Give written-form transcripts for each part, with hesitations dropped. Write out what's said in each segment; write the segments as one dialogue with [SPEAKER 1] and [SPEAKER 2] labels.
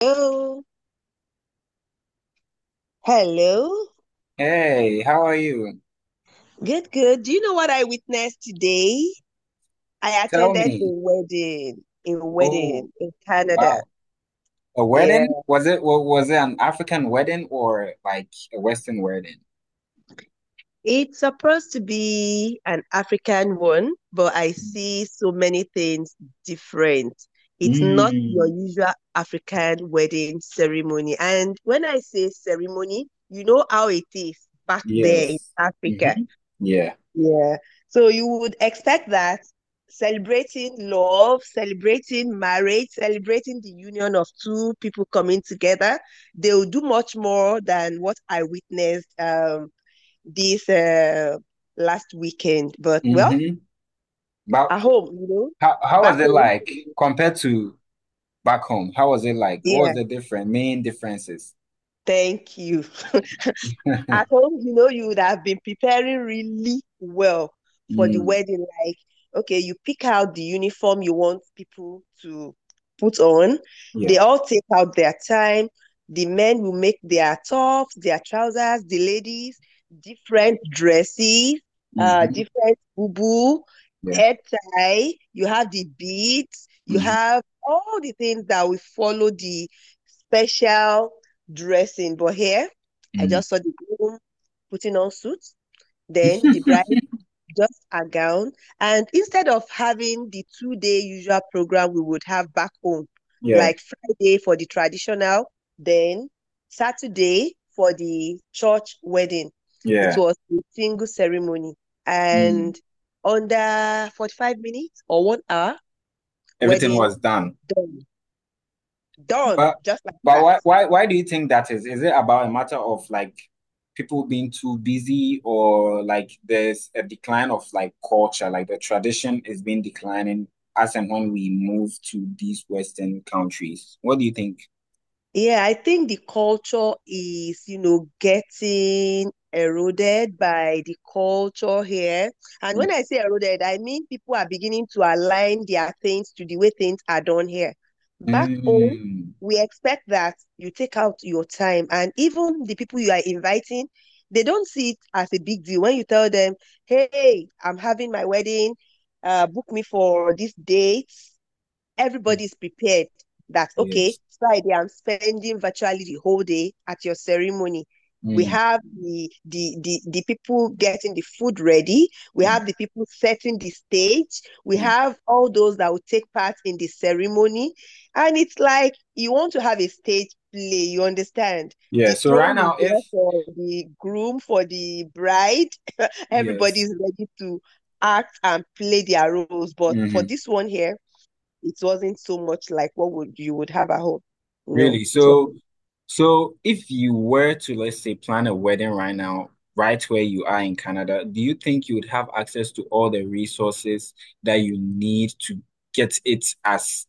[SPEAKER 1] Hello. Hello.
[SPEAKER 2] Hey, how are you?
[SPEAKER 1] Good, good. Do you know what I witnessed today? I
[SPEAKER 2] Tell
[SPEAKER 1] attended
[SPEAKER 2] me.
[SPEAKER 1] a
[SPEAKER 2] Oh,
[SPEAKER 1] wedding in Canada.
[SPEAKER 2] wow. A wedding?
[SPEAKER 1] Yeah.
[SPEAKER 2] Was it was it an African wedding or like a Western wedding?
[SPEAKER 1] It's supposed to be an African one, but I see so many things different. It's not your
[SPEAKER 2] Mm,
[SPEAKER 1] usual African wedding ceremony. And when I say ceremony, you know how it is back there in
[SPEAKER 2] yes.
[SPEAKER 1] Africa.
[SPEAKER 2] Mm-hmm. Yeah.
[SPEAKER 1] Yeah. So you would expect that celebrating love, celebrating marriage, celebrating the union of two people coming together, they will do much more than what I witnessed this last weekend. But well,
[SPEAKER 2] Mm-hmm. But
[SPEAKER 1] at home,
[SPEAKER 2] how
[SPEAKER 1] back
[SPEAKER 2] was it
[SPEAKER 1] home.
[SPEAKER 2] like compared to back home? How was it like? What
[SPEAKER 1] Yeah,
[SPEAKER 2] was the different main differences?
[SPEAKER 1] thank you. At home, you would have been preparing really well for the
[SPEAKER 2] Mm,
[SPEAKER 1] wedding. Like, okay, you pick out the uniform you want people to put on. They
[SPEAKER 2] yeah.
[SPEAKER 1] all take out their time. The men will make their tops, their trousers, the ladies, different dresses,
[SPEAKER 2] Mm-hmm.
[SPEAKER 1] different boo-boo,
[SPEAKER 2] Yeah.
[SPEAKER 1] head tie. You have the beads. You
[SPEAKER 2] Mm-hmm.
[SPEAKER 1] have all the things that will follow the special dressing. But here, I
[SPEAKER 2] Mm.
[SPEAKER 1] just saw the groom putting on suits, then the bride just a gown. And instead of having the 2-day usual program we would have back home,
[SPEAKER 2] Yeah.
[SPEAKER 1] like Friday for the traditional, then Saturday for the church wedding, it
[SPEAKER 2] Yeah.
[SPEAKER 1] was a single ceremony.
[SPEAKER 2] Mm.
[SPEAKER 1] And under 45 minutes or 1 hour,
[SPEAKER 2] Everything
[SPEAKER 1] wedding
[SPEAKER 2] was done.
[SPEAKER 1] done. Done,
[SPEAKER 2] But
[SPEAKER 1] just like
[SPEAKER 2] but
[SPEAKER 1] that.
[SPEAKER 2] why why do you think that is? Is it about a matter of like people being too busy or like there's a decline of like culture, like the tradition is being declining as and when we move to these Western countries? What do you think?
[SPEAKER 1] Yeah, I think the culture is, getting eroded by the culture here. And when
[SPEAKER 2] Mm.
[SPEAKER 1] I say eroded, I mean people are beginning to align their things to the way things are done here. Back home,
[SPEAKER 2] Mm.
[SPEAKER 1] we expect that you take out your time, and even the people you are inviting, they don't see it as a big deal. When you tell them, hey, I'm having my wedding, book me for this date,
[SPEAKER 2] Mm.
[SPEAKER 1] everybody's prepared that, okay,
[SPEAKER 2] Yes.
[SPEAKER 1] Friday, I'm spending virtually the whole day at your ceremony. We
[SPEAKER 2] Mm.
[SPEAKER 1] have the people getting the food ready. We
[SPEAKER 2] Mm.
[SPEAKER 1] have the people setting the stage. We
[SPEAKER 2] Yeah.
[SPEAKER 1] have all those that will take part in the ceremony. And it's like you want to have a stage play, you understand?
[SPEAKER 2] Yeah.
[SPEAKER 1] The
[SPEAKER 2] So right
[SPEAKER 1] throne is
[SPEAKER 2] now,
[SPEAKER 1] there
[SPEAKER 2] if
[SPEAKER 1] for the groom, for the bride.
[SPEAKER 2] yes.
[SPEAKER 1] Everybody's ready to act and play their roles. But for
[SPEAKER 2] Hmm.
[SPEAKER 1] this one here, it wasn't so much like what would have at home. No,
[SPEAKER 2] Really.
[SPEAKER 1] it wasn't.
[SPEAKER 2] So, if you were to, let's say, plan a wedding right now, right where you are in Canada, do you think you would have access to all the resources that you need to get it as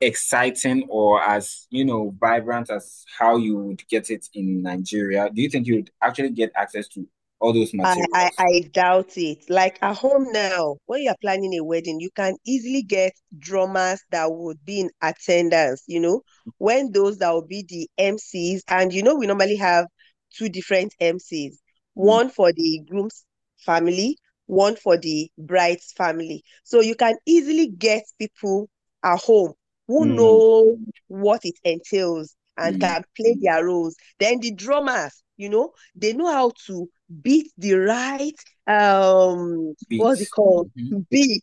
[SPEAKER 2] exciting or as, you know, vibrant as how you would get it in Nigeria? Do you think you would actually get access to all those
[SPEAKER 1] I, I
[SPEAKER 2] materials?
[SPEAKER 1] I doubt it. Like at home now, when you're planning a wedding, you can easily get drummers that would be in attendance, when those that will be the MCs. And you know, we normally have two different MCs,
[SPEAKER 2] Mm,
[SPEAKER 1] one for the groom's family, one for the bride's family. So you can easily get people at home who
[SPEAKER 2] mm,
[SPEAKER 1] know what it entails and
[SPEAKER 2] mm,
[SPEAKER 1] can play their roles. Then the drummers, they know how to beat the right what's it
[SPEAKER 2] beats.
[SPEAKER 1] called,
[SPEAKER 2] Mhm,
[SPEAKER 1] beat,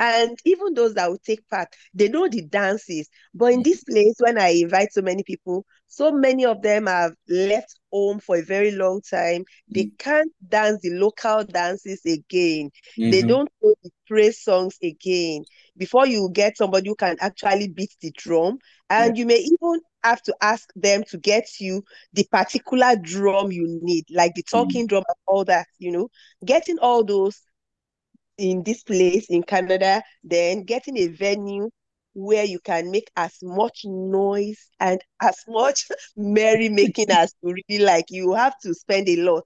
[SPEAKER 1] and even those that will take part, they know the dances. But in this
[SPEAKER 2] mhm,
[SPEAKER 1] place, when I invite so many people, so many of them have left home for a very long time, they
[SPEAKER 2] mm,
[SPEAKER 1] can't dance the local dances again, they
[SPEAKER 2] mhm,
[SPEAKER 1] don't know the praise songs again. Before you get somebody who can actually beat the drum,
[SPEAKER 2] yeah,
[SPEAKER 1] and you may even have to ask them to get you the particular drum you need, like the
[SPEAKER 2] mm,
[SPEAKER 1] talking drum and all that, getting all those in this place in Canada, then getting a venue where you can make as much noise and as much merrymaking as you really like. You have to spend a lot.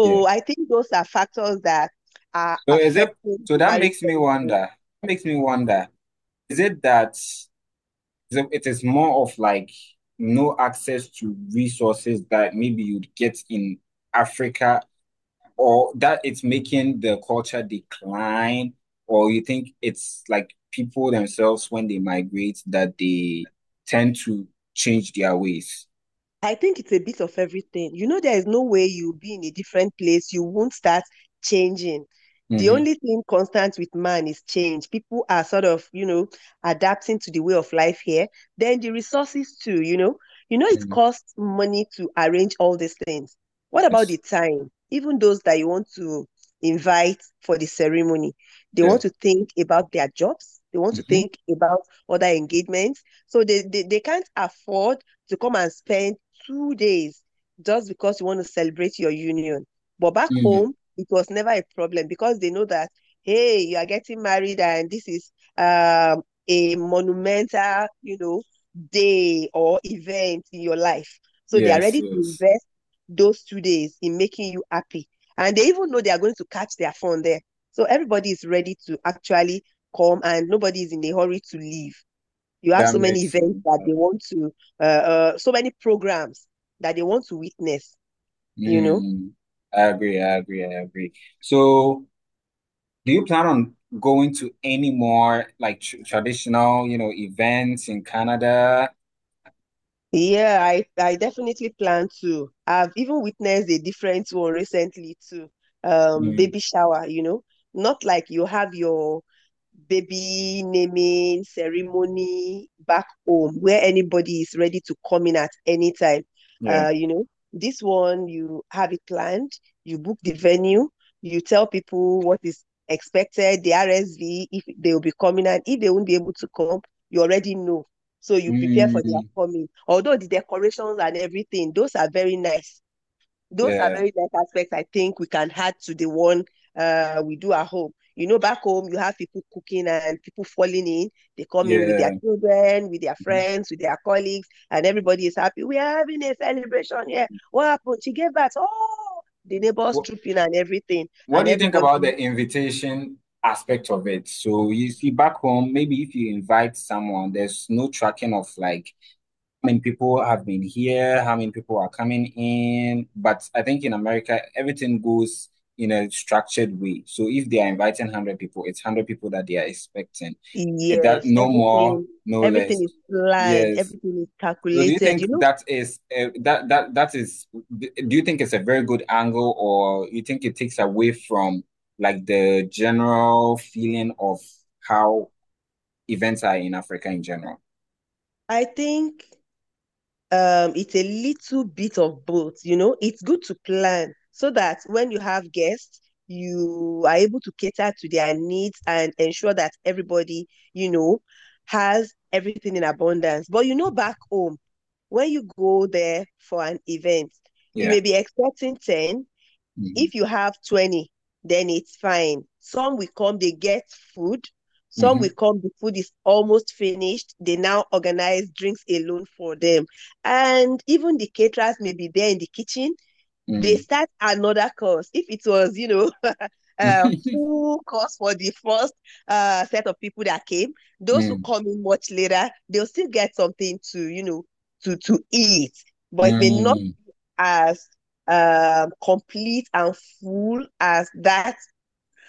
[SPEAKER 2] yeah.
[SPEAKER 1] I think those are factors that are
[SPEAKER 2] So, is it,
[SPEAKER 1] affecting
[SPEAKER 2] so
[SPEAKER 1] the
[SPEAKER 2] that makes me
[SPEAKER 1] marital.
[SPEAKER 2] wonder, makes me wonder. Is it that so it is more of like no access to resources that maybe you'd get in Africa, or that it's making the culture decline, or you think it's like people themselves when they migrate that they tend to change their ways?
[SPEAKER 1] I think it's a bit of everything. You know, there is no way you'll be in a different place. You won't start changing. The
[SPEAKER 2] Mm-hmm.
[SPEAKER 1] only thing constant with man is change. People are sort of, adapting to the way of life here. Then the resources too, you know. You know, it
[SPEAKER 2] Mm,
[SPEAKER 1] costs money to arrange all these things. What about
[SPEAKER 2] yes.
[SPEAKER 1] the time? Even those that you want to invite for the ceremony, they
[SPEAKER 2] Yeah.
[SPEAKER 1] want to think about their jobs. They want to
[SPEAKER 2] Mm-hmm.
[SPEAKER 1] think about other engagements. So they can't afford to come and spend 2 days just because you want to celebrate your union. But back
[SPEAKER 2] Mm,
[SPEAKER 1] home, it was never a problem because they know that, hey, you are getting married and this is a monumental, day or event in your life. So they are
[SPEAKER 2] yes.
[SPEAKER 1] ready to
[SPEAKER 2] Yes.
[SPEAKER 1] invest those 2 days in making you happy. And they even know they are going to catch their phone there. So everybody is ready to actually come and nobody is in a hurry to leave. You have
[SPEAKER 2] That
[SPEAKER 1] so many
[SPEAKER 2] makes
[SPEAKER 1] events
[SPEAKER 2] sense.
[SPEAKER 1] that they want to, so many programs that they want to witness, you know?
[SPEAKER 2] Mm, I agree. I agree. I agree. So. Do you plan on going to any more like tr traditional, you know, events in Canada?
[SPEAKER 1] Yeah, I definitely plan to. I've even witnessed a different one recently too.
[SPEAKER 2] Mm,
[SPEAKER 1] Baby shower, you know? Not like you have your baby naming ceremony back home where anybody is ready to come in at any time.
[SPEAKER 2] yeah.
[SPEAKER 1] Uh, you know, this one you have it planned, you book the venue, you tell people what is expected, the RSV, if they will be coming, and if they won't be able to come, you already know. So you prepare for their
[SPEAKER 2] Mm,
[SPEAKER 1] coming. Although the decorations and everything, those are very nice. Those are
[SPEAKER 2] yeah.
[SPEAKER 1] very nice aspects I think we can add to the one we do at home. You know, back home, you have people cooking and people falling in. They come in with their
[SPEAKER 2] Yeah.
[SPEAKER 1] children, with their friends, with their colleagues, and everybody is happy. We are having a celebration here. What happened? She gave birth. Oh, the neighbors
[SPEAKER 2] What,
[SPEAKER 1] trooping and everything.
[SPEAKER 2] what
[SPEAKER 1] And
[SPEAKER 2] do you think about
[SPEAKER 1] everybody,
[SPEAKER 2] the invitation aspect of it? So you see back home, maybe if you invite someone, there's no tracking of like many people have been here, how many people are coming in. But I think in America, everything goes in a structured way. So if they are inviting 100 people, it's 100 people that they are expecting. It, that
[SPEAKER 1] yes,
[SPEAKER 2] no more,
[SPEAKER 1] everything,
[SPEAKER 2] no
[SPEAKER 1] everything
[SPEAKER 2] less.
[SPEAKER 1] is planned,
[SPEAKER 2] Yes.
[SPEAKER 1] everything is
[SPEAKER 2] So do you
[SPEAKER 1] calculated.
[SPEAKER 2] think
[SPEAKER 1] You know,
[SPEAKER 2] that is that that is do you think it's a very good angle or you think it takes away from like the general feeling of how events are in Africa in general?
[SPEAKER 1] I think it's a little bit of both, you know. It's good to plan so that when you have guests, you are able to cater to their needs and ensure that everybody, you know, has everything in abundance. But you know, back home, when you go there for an event, you
[SPEAKER 2] Yeah.
[SPEAKER 1] may be expecting 10,
[SPEAKER 2] Hmm.
[SPEAKER 1] if you have 20, then it's fine. Some will come, they get food. Some will come, the food is almost finished. They now organize drinks alone for them. And even the caterers may be there in the kitchen. They
[SPEAKER 2] Hmm.
[SPEAKER 1] start another course. If it was, a
[SPEAKER 2] Mm,
[SPEAKER 1] full course for the first set of people that came, those who
[SPEAKER 2] mm.
[SPEAKER 1] come in much later, they'll still get something to, eat. But it may not
[SPEAKER 2] Mm.
[SPEAKER 1] as complete and full as that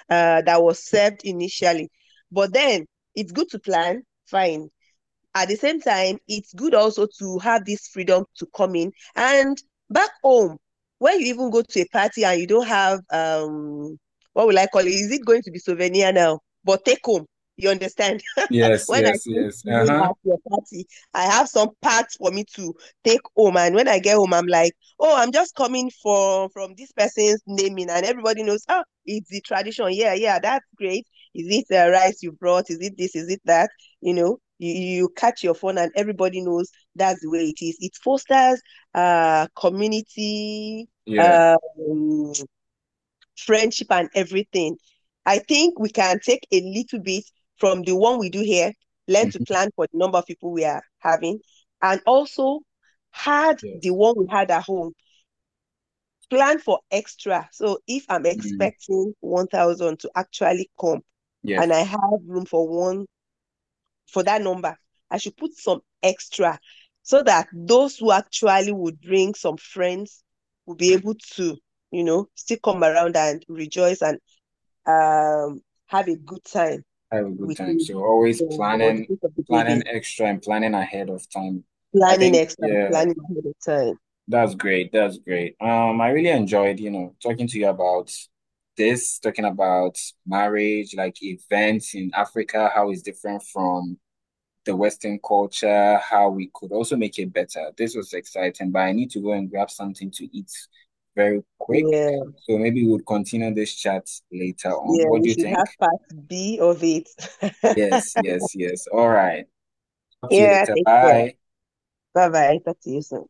[SPEAKER 1] that was served initially. But then it's good to plan, fine, at the same time, it's good also to have this freedom to come in. And back home, when you even go to a party and you don't have what will I call it? Is it going to be souvenir now? But take home. You understand?
[SPEAKER 2] Yes,
[SPEAKER 1] When I
[SPEAKER 2] yes,
[SPEAKER 1] finish
[SPEAKER 2] yes.
[SPEAKER 1] eating
[SPEAKER 2] Uh-huh.
[SPEAKER 1] at your party, I have some parts for me to take home. And when I get home, I'm like, oh, I'm just coming from this person's naming, and everybody knows, oh, it's the tradition. Yeah, yeah, that's great. Is it the rice you brought? Is it this? Is it that? You know, you catch your phone and everybody knows that's the way it is. It fosters community,
[SPEAKER 2] Yeah.
[SPEAKER 1] um, friendship and everything. I think we can take a little bit from the one we do here, learn to
[SPEAKER 2] Mhm.
[SPEAKER 1] plan for the number of people we are having, and also had the
[SPEAKER 2] Yes.
[SPEAKER 1] one we had at home, plan for extra. So if I'm
[SPEAKER 2] Mm,
[SPEAKER 1] expecting 1,000 to actually come
[SPEAKER 2] yes.
[SPEAKER 1] and I have room for one for that number, I should put some extra so that those who actually would bring some friends will be able to, still come around and rejoice and um, have a good time
[SPEAKER 2] Have a good
[SPEAKER 1] with
[SPEAKER 2] time.
[SPEAKER 1] me
[SPEAKER 2] So always
[SPEAKER 1] for the
[SPEAKER 2] planning,
[SPEAKER 1] birth of the
[SPEAKER 2] planning
[SPEAKER 1] baby.
[SPEAKER 2] extra and planning ahead of time. I
[SPEAKER 1] Planning
[SPEAKER 2] think,
[SPEAKER 1] extra,
[SPEAKER 2] yeah,
[SPEAKER 1] planning ahead of time.
[SPEAKER 2] that's great. That's great. I really enjoyed, you know, talking to you about this, talking about marriage, like events in Africa, how it's different from the Western culture, how we could also make it better. This was exciting, but I need to go and grab something to eat very quick.
[SPEAKER 1] Yeah,
[SPEAKER 2] So maybe we'll continue this chat later on.
[SPEAKER 1] yeah,
[SPEAKER 2] What
[SPEAKER 1] we
[SPEAKER 2] do you
[SPEAKER 1] should have
[SPEAKER 2] think?
[SPEAKER 1] part B of it.
[SPEAKER 2] Yes, yes, yes. All right. Talk to you
[SPEAKER 1] Yeah,
[SPEAKER 2] later.
[SPEAKER 1] take care.
[SPEAKER 2] Bye.
[SPEAKER 1] Bye bye. Talk to you soon.